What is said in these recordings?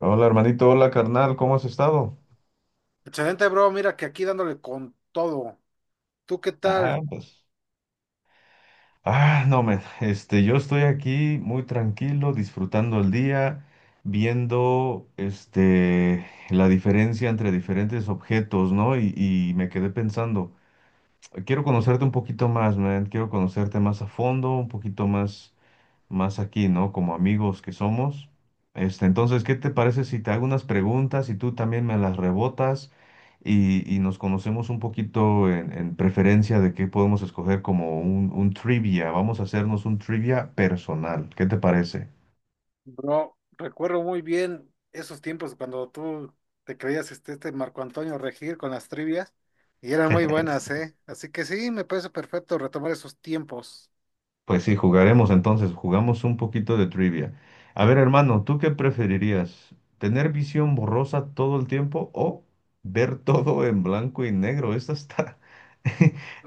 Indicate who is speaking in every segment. Speaker 1: Hola hermanito, hola carnal, ¿cómo has estado?
Speaker 2: Excelente, bro. Mira que aquí dándole con todo. ¿Tú qué
Speaker 1: Ah,
Speaker 2: tal,
Speaker 1: pues, Ah, no, men, este, Yo estoy aquí muy tranquilo, disfrutando el día, viendo, la diferencia entre diferentes objetos, ¿no? Y me quedé pensando, quiero conocerte un poquito más, man, quiero conocerte más a fondo, un poquito más. Más aquí, ¿no? Como amigos que somos. Entonces, ¿qué te parece si te hago unas preguntas y tú también me las rebotas y nos conocemos un poquito en preferencia de qué podemos escoger como un trivia? Vamos a hacernos un trivia personal. ¿Qué te parece?
Speaker 2: bro? Recuerdo muy bien esos tiempos cuando tú te creías este Marco Antonio Regir con las trivias y eran muy buenas, ¿eh? Así que sí, me parece perfecto retomar esos tiempos.
Speaker 1: Pues sí, jugaremos entonces, jugamos un poquito de trivia. A ver, hermano, ¿tú qué preferirías? ¿Tener visión borrosa todo el tiempo o ver todo en blanco y negro? Esta está...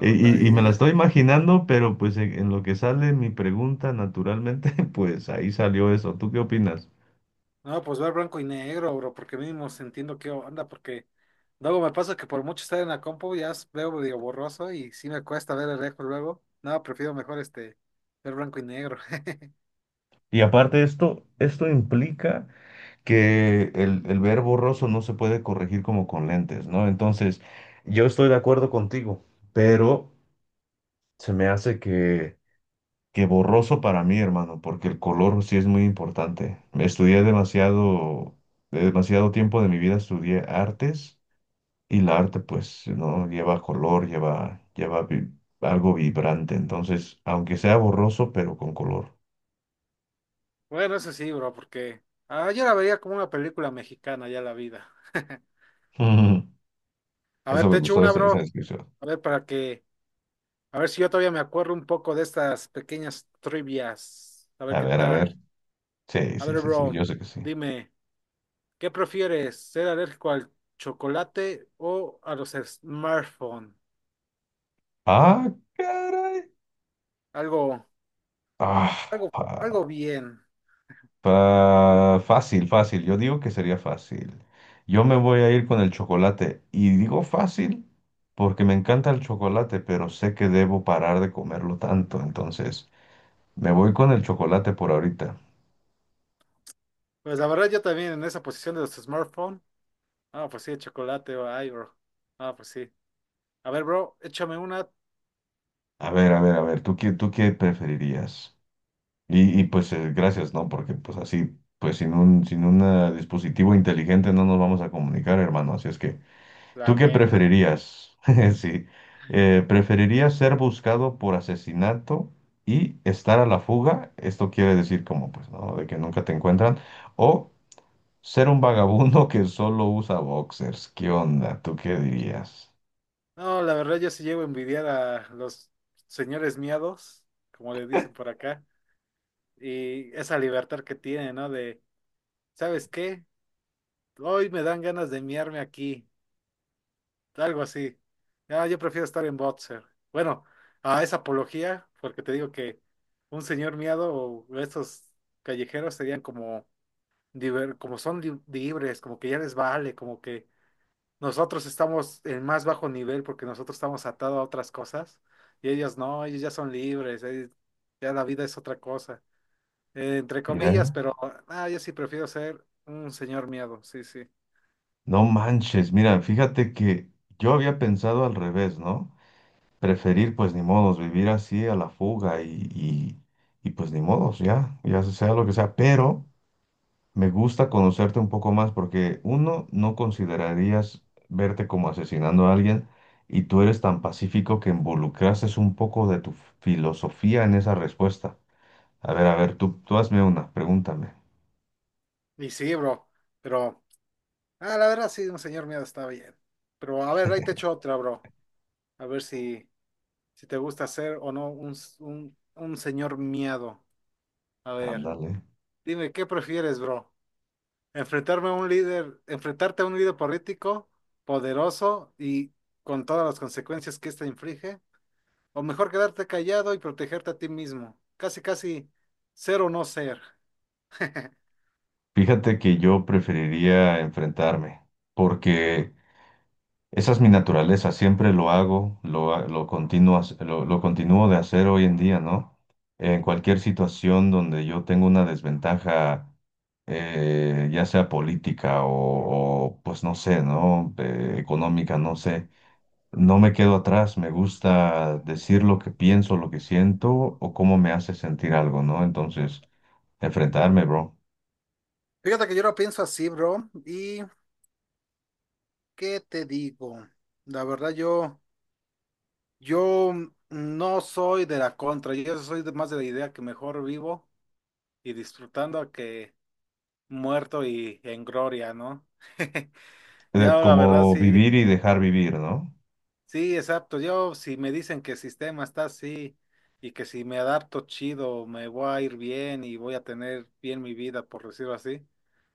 Speaker 1: Y, y- y me la
Speaker 2: vida.
Speaker 1: estoy imaginando, pero pues en lo que sale mi pregunta, naturalmente, pues ahí salió eso. ¿Tú qué opinas?
Speaker 2: No, pues ver blanco y negro, bro, porque mínimo entiendo qué onda, porque luego me pasa que por mucho estar en la compu ya veo medio borroso y sí me cuesta ver el lejos luego. No, prefiero mejor este ver blanco y negro.
Speaker 1: Y aparte esto, esto implica que el ver borroso no se puede corregir como con lentes, ¿no? Entonces, yo estoy de acuerdo contigo, pero... Se me hace que borroso para mí, hermano, porque el color sí es muy importante. Estudié demasiado, demasiado tiempo de mi vida estudié artes y la arte pues no lleva color, lleva algo vibrante. Entonces, aunque sea borroso, pero con color.
Speaker 2: Bueno, eso sí, bro, porque yo la vería como una película mexicana ya la vida. A
Speaker 1: Eso
Speaker 2: ver,
Speaker 1: me
Speaker 2: te echo
Speaker 1: gustó
Speaker 2: una,
Speaker 1: esa
Speaker 2: bro.
Speaker 1: descripción.
Speaker 2: A ver, a ver si yo todavía me acuerdo un poco de estas pequeñas trivias. A ver
Speaker 1: A
Speaker 2: qué
Speaker 1: ver, a ver.
Speaker 2: tal.
Speaker 1: Sí,
Speaker 2: A
Speaker 1: sí,
Speaker 2: ver,
Speaker 1: sí, sí,
Speaker 2: bro,
Speaker 1: yo sé que sí.
Speaker 2: dime, ¿qué prefieres? ¿Ser alérgico al chocolate o a los smartphones?
Speaker 1: Ah, caray.
Speaker 2: Algo,
Speaker 1: Ah,
Speaker 2: algo bien.
Speaker 1: Fácil, fácil. Yo digo que sería fácil. Yo me voy a ir con el chocolate. Y digo fácil porque me encanta el chocolate, pero sé que debo parar de comerlo tanto. Entonces, me voy con el chocolate por ahorita.
Speaker 2: Pues la verdad, yo también en esa posición de los smartphones. Ah, pues sí, el chocolate, ay, bro. Ah, pues sí. A ver, bro, échame una,
Speaker 1: A ver, a ver, a ver, tú qué preferirías? Gracias, ¿no? Porque pues así, pues sin un dispositivo inteligente no nos vamos a comunicar, hermano. Así es que ¿tú
Speaker 2: la
Speaker 1: qué
Speaker 2: neta.
Speaker 1: preferirías? Sí. ¿Preferirías ser buscado por asesinato y estar a la fuga? Esto quiere decir como, pues, ¿no? De que nunca te encuentran. O ser un vagabundo que solo usa boxers. ¿Qué onda? ¿Tú qué dirías?
Speaker 2: No, la verdad yo sí llevo a envidiar a los señores miados, como le dicen por acá, y esa libertad que tienen, ¿no? De, ¿sabes qué? Hoy me dan ganas de miarme aquí, algo así. Ah, yo prefiero estar en boxer. Bueno, a esa apología, porque te digo que un señor miado o estos callejeros serían como, como son libres, como que ya les vale, como que nosotros estamos en más bajo nivel porque nosotros estamos atados a otras cosas y ellos no, ellos ya son libres, ya la vida es otra cosa, entre comillas,
Speaker 1: Mira,
Speaker 2: pero yo sí prefiero ser un señor miedo, sí, sí.
Speaker 1: no manches. Mira, fíjate que yo había pensado al revés, ¿no? Preferir, pues, ni modos, vivir así a la fuga y pues, ni modos, ya, ya sea lo que sea. Pero... Me gusta conocerte un poco más porque uno, no considerarías verte como asesinando a alguien y tú eres tan pacífico que involucraste un poco de tu filosofía en esa respuesta. A ver, tú hazme una, pregúntame.
Speaker 2: Y sí, bro, pero la verdad sí, un señor miedo está bien. Pero a ver, ahí te echo otra, bro, a ver si, si te gusta ser o no un señor miedo. A ver,
Speaker 1: Ándale.
Speaker 2: dime, ¿qué prefieres, bro? Enfrentarme a un líder, enfrentarte a un líder político poderoso y con todas las consecuencias que ésta inflige, o mejor quedarte callado y protegerte a ti mismo. Casi, casi ser o no ser.
Speaker 1: Fíjate que yo preferiría enfrentarme porque esa es mi naturaleza, siempre lo hago, lo continúo de hacer hoy en día, ¿no? En cualquier situación donde yo tengo una desventaja, ya sea política pues no sé, ¿no? Económica, no sé, no me quedo atrás, me gusta decir lo que pienso, lo que siento o cómo me hace sentir algo, ¿no? Entonces, enfrentarme, bro.
Speaker 2: Fíjate que yo lo pienso así, bro. ¿Y qué te digo? La verdad, yo no soy de la contra, yo soy más de la idea que mejor vivo y disfrutando que muerto y en gloria, ¿no? Ya la verdad
Speaker 1: Como
Speaker 2: sí,
Speaker 1: vivir y dejar vivir, ¿no?
Speaker 2: sí, exacto. Yo, si me dicen que el sistema está así y que si me adapto chido, me voy a ir bien y voy a tener bien mi vida, por decirlo así,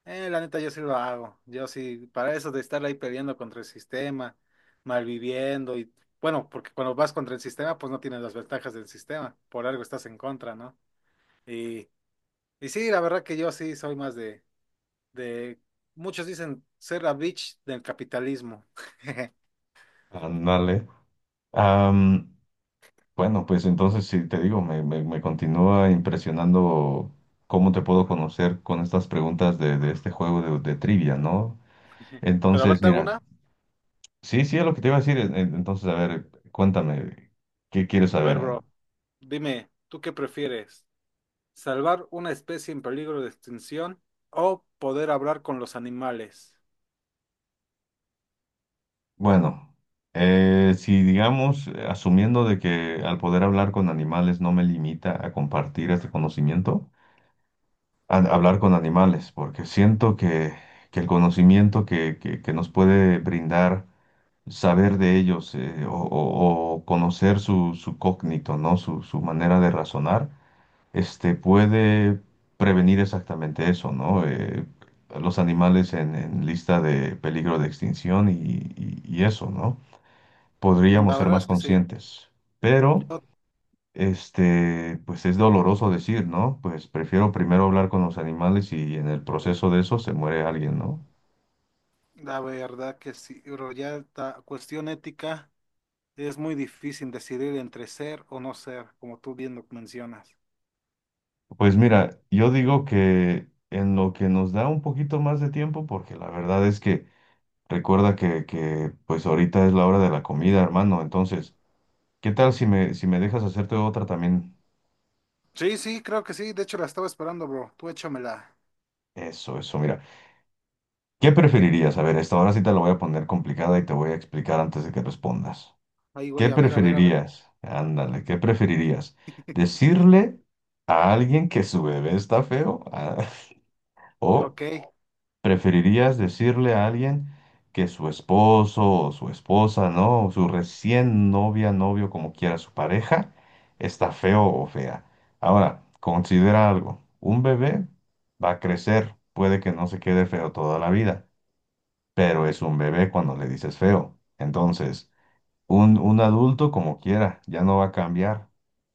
Speaker 2: la neta yo sí lo hago. Yo sí, para eso de estar ahí peleando contra el sistema, malviviendo y bueno, porque cuando vas contra el sistema, pues no tienes las ventajas del sistema, por algo estás en contra, ¿no? Y, y sí, la verdad que yo sí soy más de, muchos dicen ser la bitch del capitalismo.
Speaker 1: Ándale. Bueno, pues entonces sí, te digo, me continúa impresionando cómo te puedo conocer con estas preguntas de este juego de trivia, ¿no?
Speaker 2: Pero a ver,
Speaker 1: Entonces,
Speaker 2: te hago
Speaker 1: mira,
Speaker 2: una.
Speaker 1: sí, sí, es lo que te iba a decir. Entonces, a ver, cuéntame, ¿qué quieres
Speaker 2: A ver,
Speaker 1: saber?
Speaker 2: bro, dime, ¿tú qué prefieres? ¿Salvar una especie en peligro de extinción o poder hablar con los animales?
Speaker 1: Bueno, si digamos, asumiendo de que al poder hablar con animales no me limita a compartir este conocimiento, hablar con animales, porque siento que el conocimiento que nos puede brindar saber de ellos o conocer su cógnito, ¿no? Su manera de razonar, puede prevenir exactamente eso, ¿no? Los animales en lista de peligro de extinción y eso, ¿no? Podríamos
Speaker 2: La
Speaker 1: ser
Speaker 2: verdad
Speaker 1: más
Speaker 2: es que sí.
Speaker 1: conscientes, pero,
Speaker 2: Yo,
Speaker 1: pues es doloroso decir, ¿no? Pues prefiero primero hablar con los animales y en el proceso de eso se muere alguien, ¿no?
Speaker 2: la verdad que sí, bro, ya esta cuestión ética es muy difícil decidir entre ser o no ser, como tú bien lo mencionas.
Speaker 1: Pues mira, yo digo que en lo que nos da un poquito más de tiempo, porque la verdad es que recuerda que pues ahorita es la hora de la comida, hermano. Entonces, ¿qué tal si me dejas hacerte otra también?
Speaker 2: Sí, sí, creo que sí. De hecho, la estaba esperando, bro. Tú échamela.
Speaker 1: Eso, mira. ¿Qué preferirías? A ver, esta ahora sí te la voy a poner complicada y te voy a explicar antes de que respondas.
Speaker 2: Ahí,
Speaker 1: ¿Qué
Speaker 2: güey, a ver, a ver, a ver.
Speaker 1: preferirías? Ándale, ¿qué preferirías? ¿Decirle a alguien que su bebé está feo? ¿O
Speaker 2: Ok.
Speaker 1: ¿preferirías decirle a alguien que su esposo o su esposa, ¿no? O su recién novia, novio, como quiera su pareja, está feo o fea? Ahora, considera algo. Un bebé va a crecer, puede que no se quede feo toda la vida, pero es un bebé cuando le dices feo. Entonces, un adulto como quiera, ya no va a cambiar.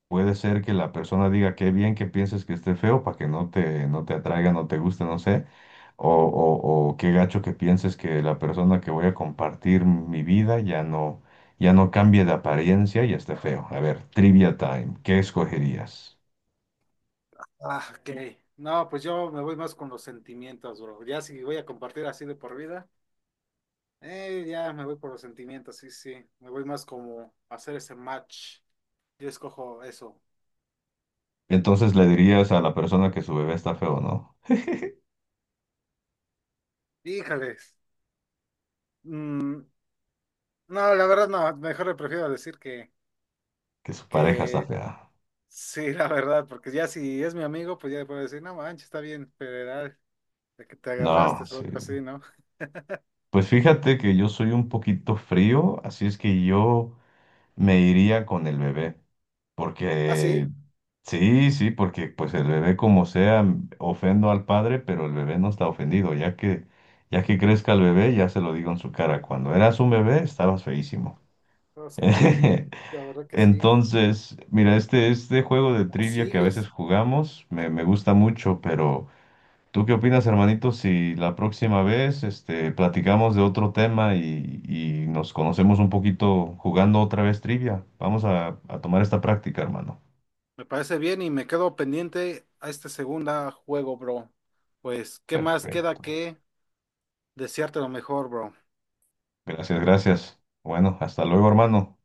Speaker 1: Puede ser que la persona diga qué bien que pienses que esté feo para que no te atraiga, no te guste, no sé. O qué gacho que pienses que la persona que voy a compartir mi vida ya no cambie de apariencia y esté feo. A ver, trivia time, ¿qué escogerías?
Speaker 2: Ah, ok. No, pues yo me voy más con los sentimientos, bro. Ya si voy a compartir así de por vida. Ya me voy por los sentimientos, sí, sí. Me voy más como a hacer ese match. Yo escojo eso.
Speaker 1: Entonces le dirías a la persona que su bebé está feo, ¿no?
Speaker 2: Híjales. Mm, no, la verdad no. Mejor le prefiero decir
Speaker 1: Que su pareja está
Speaker 2: que
Speaker 1: fea.
Speaker 2: sí, la verdad, porque ya si es mi amigo, pues ya le puedo decir, no manches, está bien, federal, de que te
Speaker 1: No,
Speaker 2: agarraste o
Speaker 1: sí.
Speaker 2: algo así, ¿no?
Speaker 1: Pues fíjate que yo soy un poquito frío, así es que yo me iría con el bebé.
Speaker 2: Ah,
Speaker 1: Porque,
Speaker 2: sí.
Speaker 1: sí, sí, porque pues el bebé como sea, ofendo al padre, pero el bebé no está ofendido, ya que crezca el bebé, ya se lo digo en su cara, cuando eras un bebé estabas feísimo.
Speaker 2: Los culeritos, la verdad que sí.
Speaker 1: Entonces, mira, este juego de
Speaker 2: O
Speaker 1: trivia que a
Speaker 2: sigues.
Speaker 1: veces jugamos me gusta mucho, pero ¿tú qué opinas, hermanito, si la próxima vez platicamos de otro tema y nos conocemos un poquito jugando otra vez trivia? Vamos a tomar esta práctica, hermano.
Speaker 2: Me parece bien y me quedo pendiente a este segundo juego, bro. Pues, ¿qué más queda
Speaker 1: Perfecto.
Speaker 2: que desearte lo mejor, bro?
Speaker 1: Gracias, gracias. Bueno, hasta luego, hermano.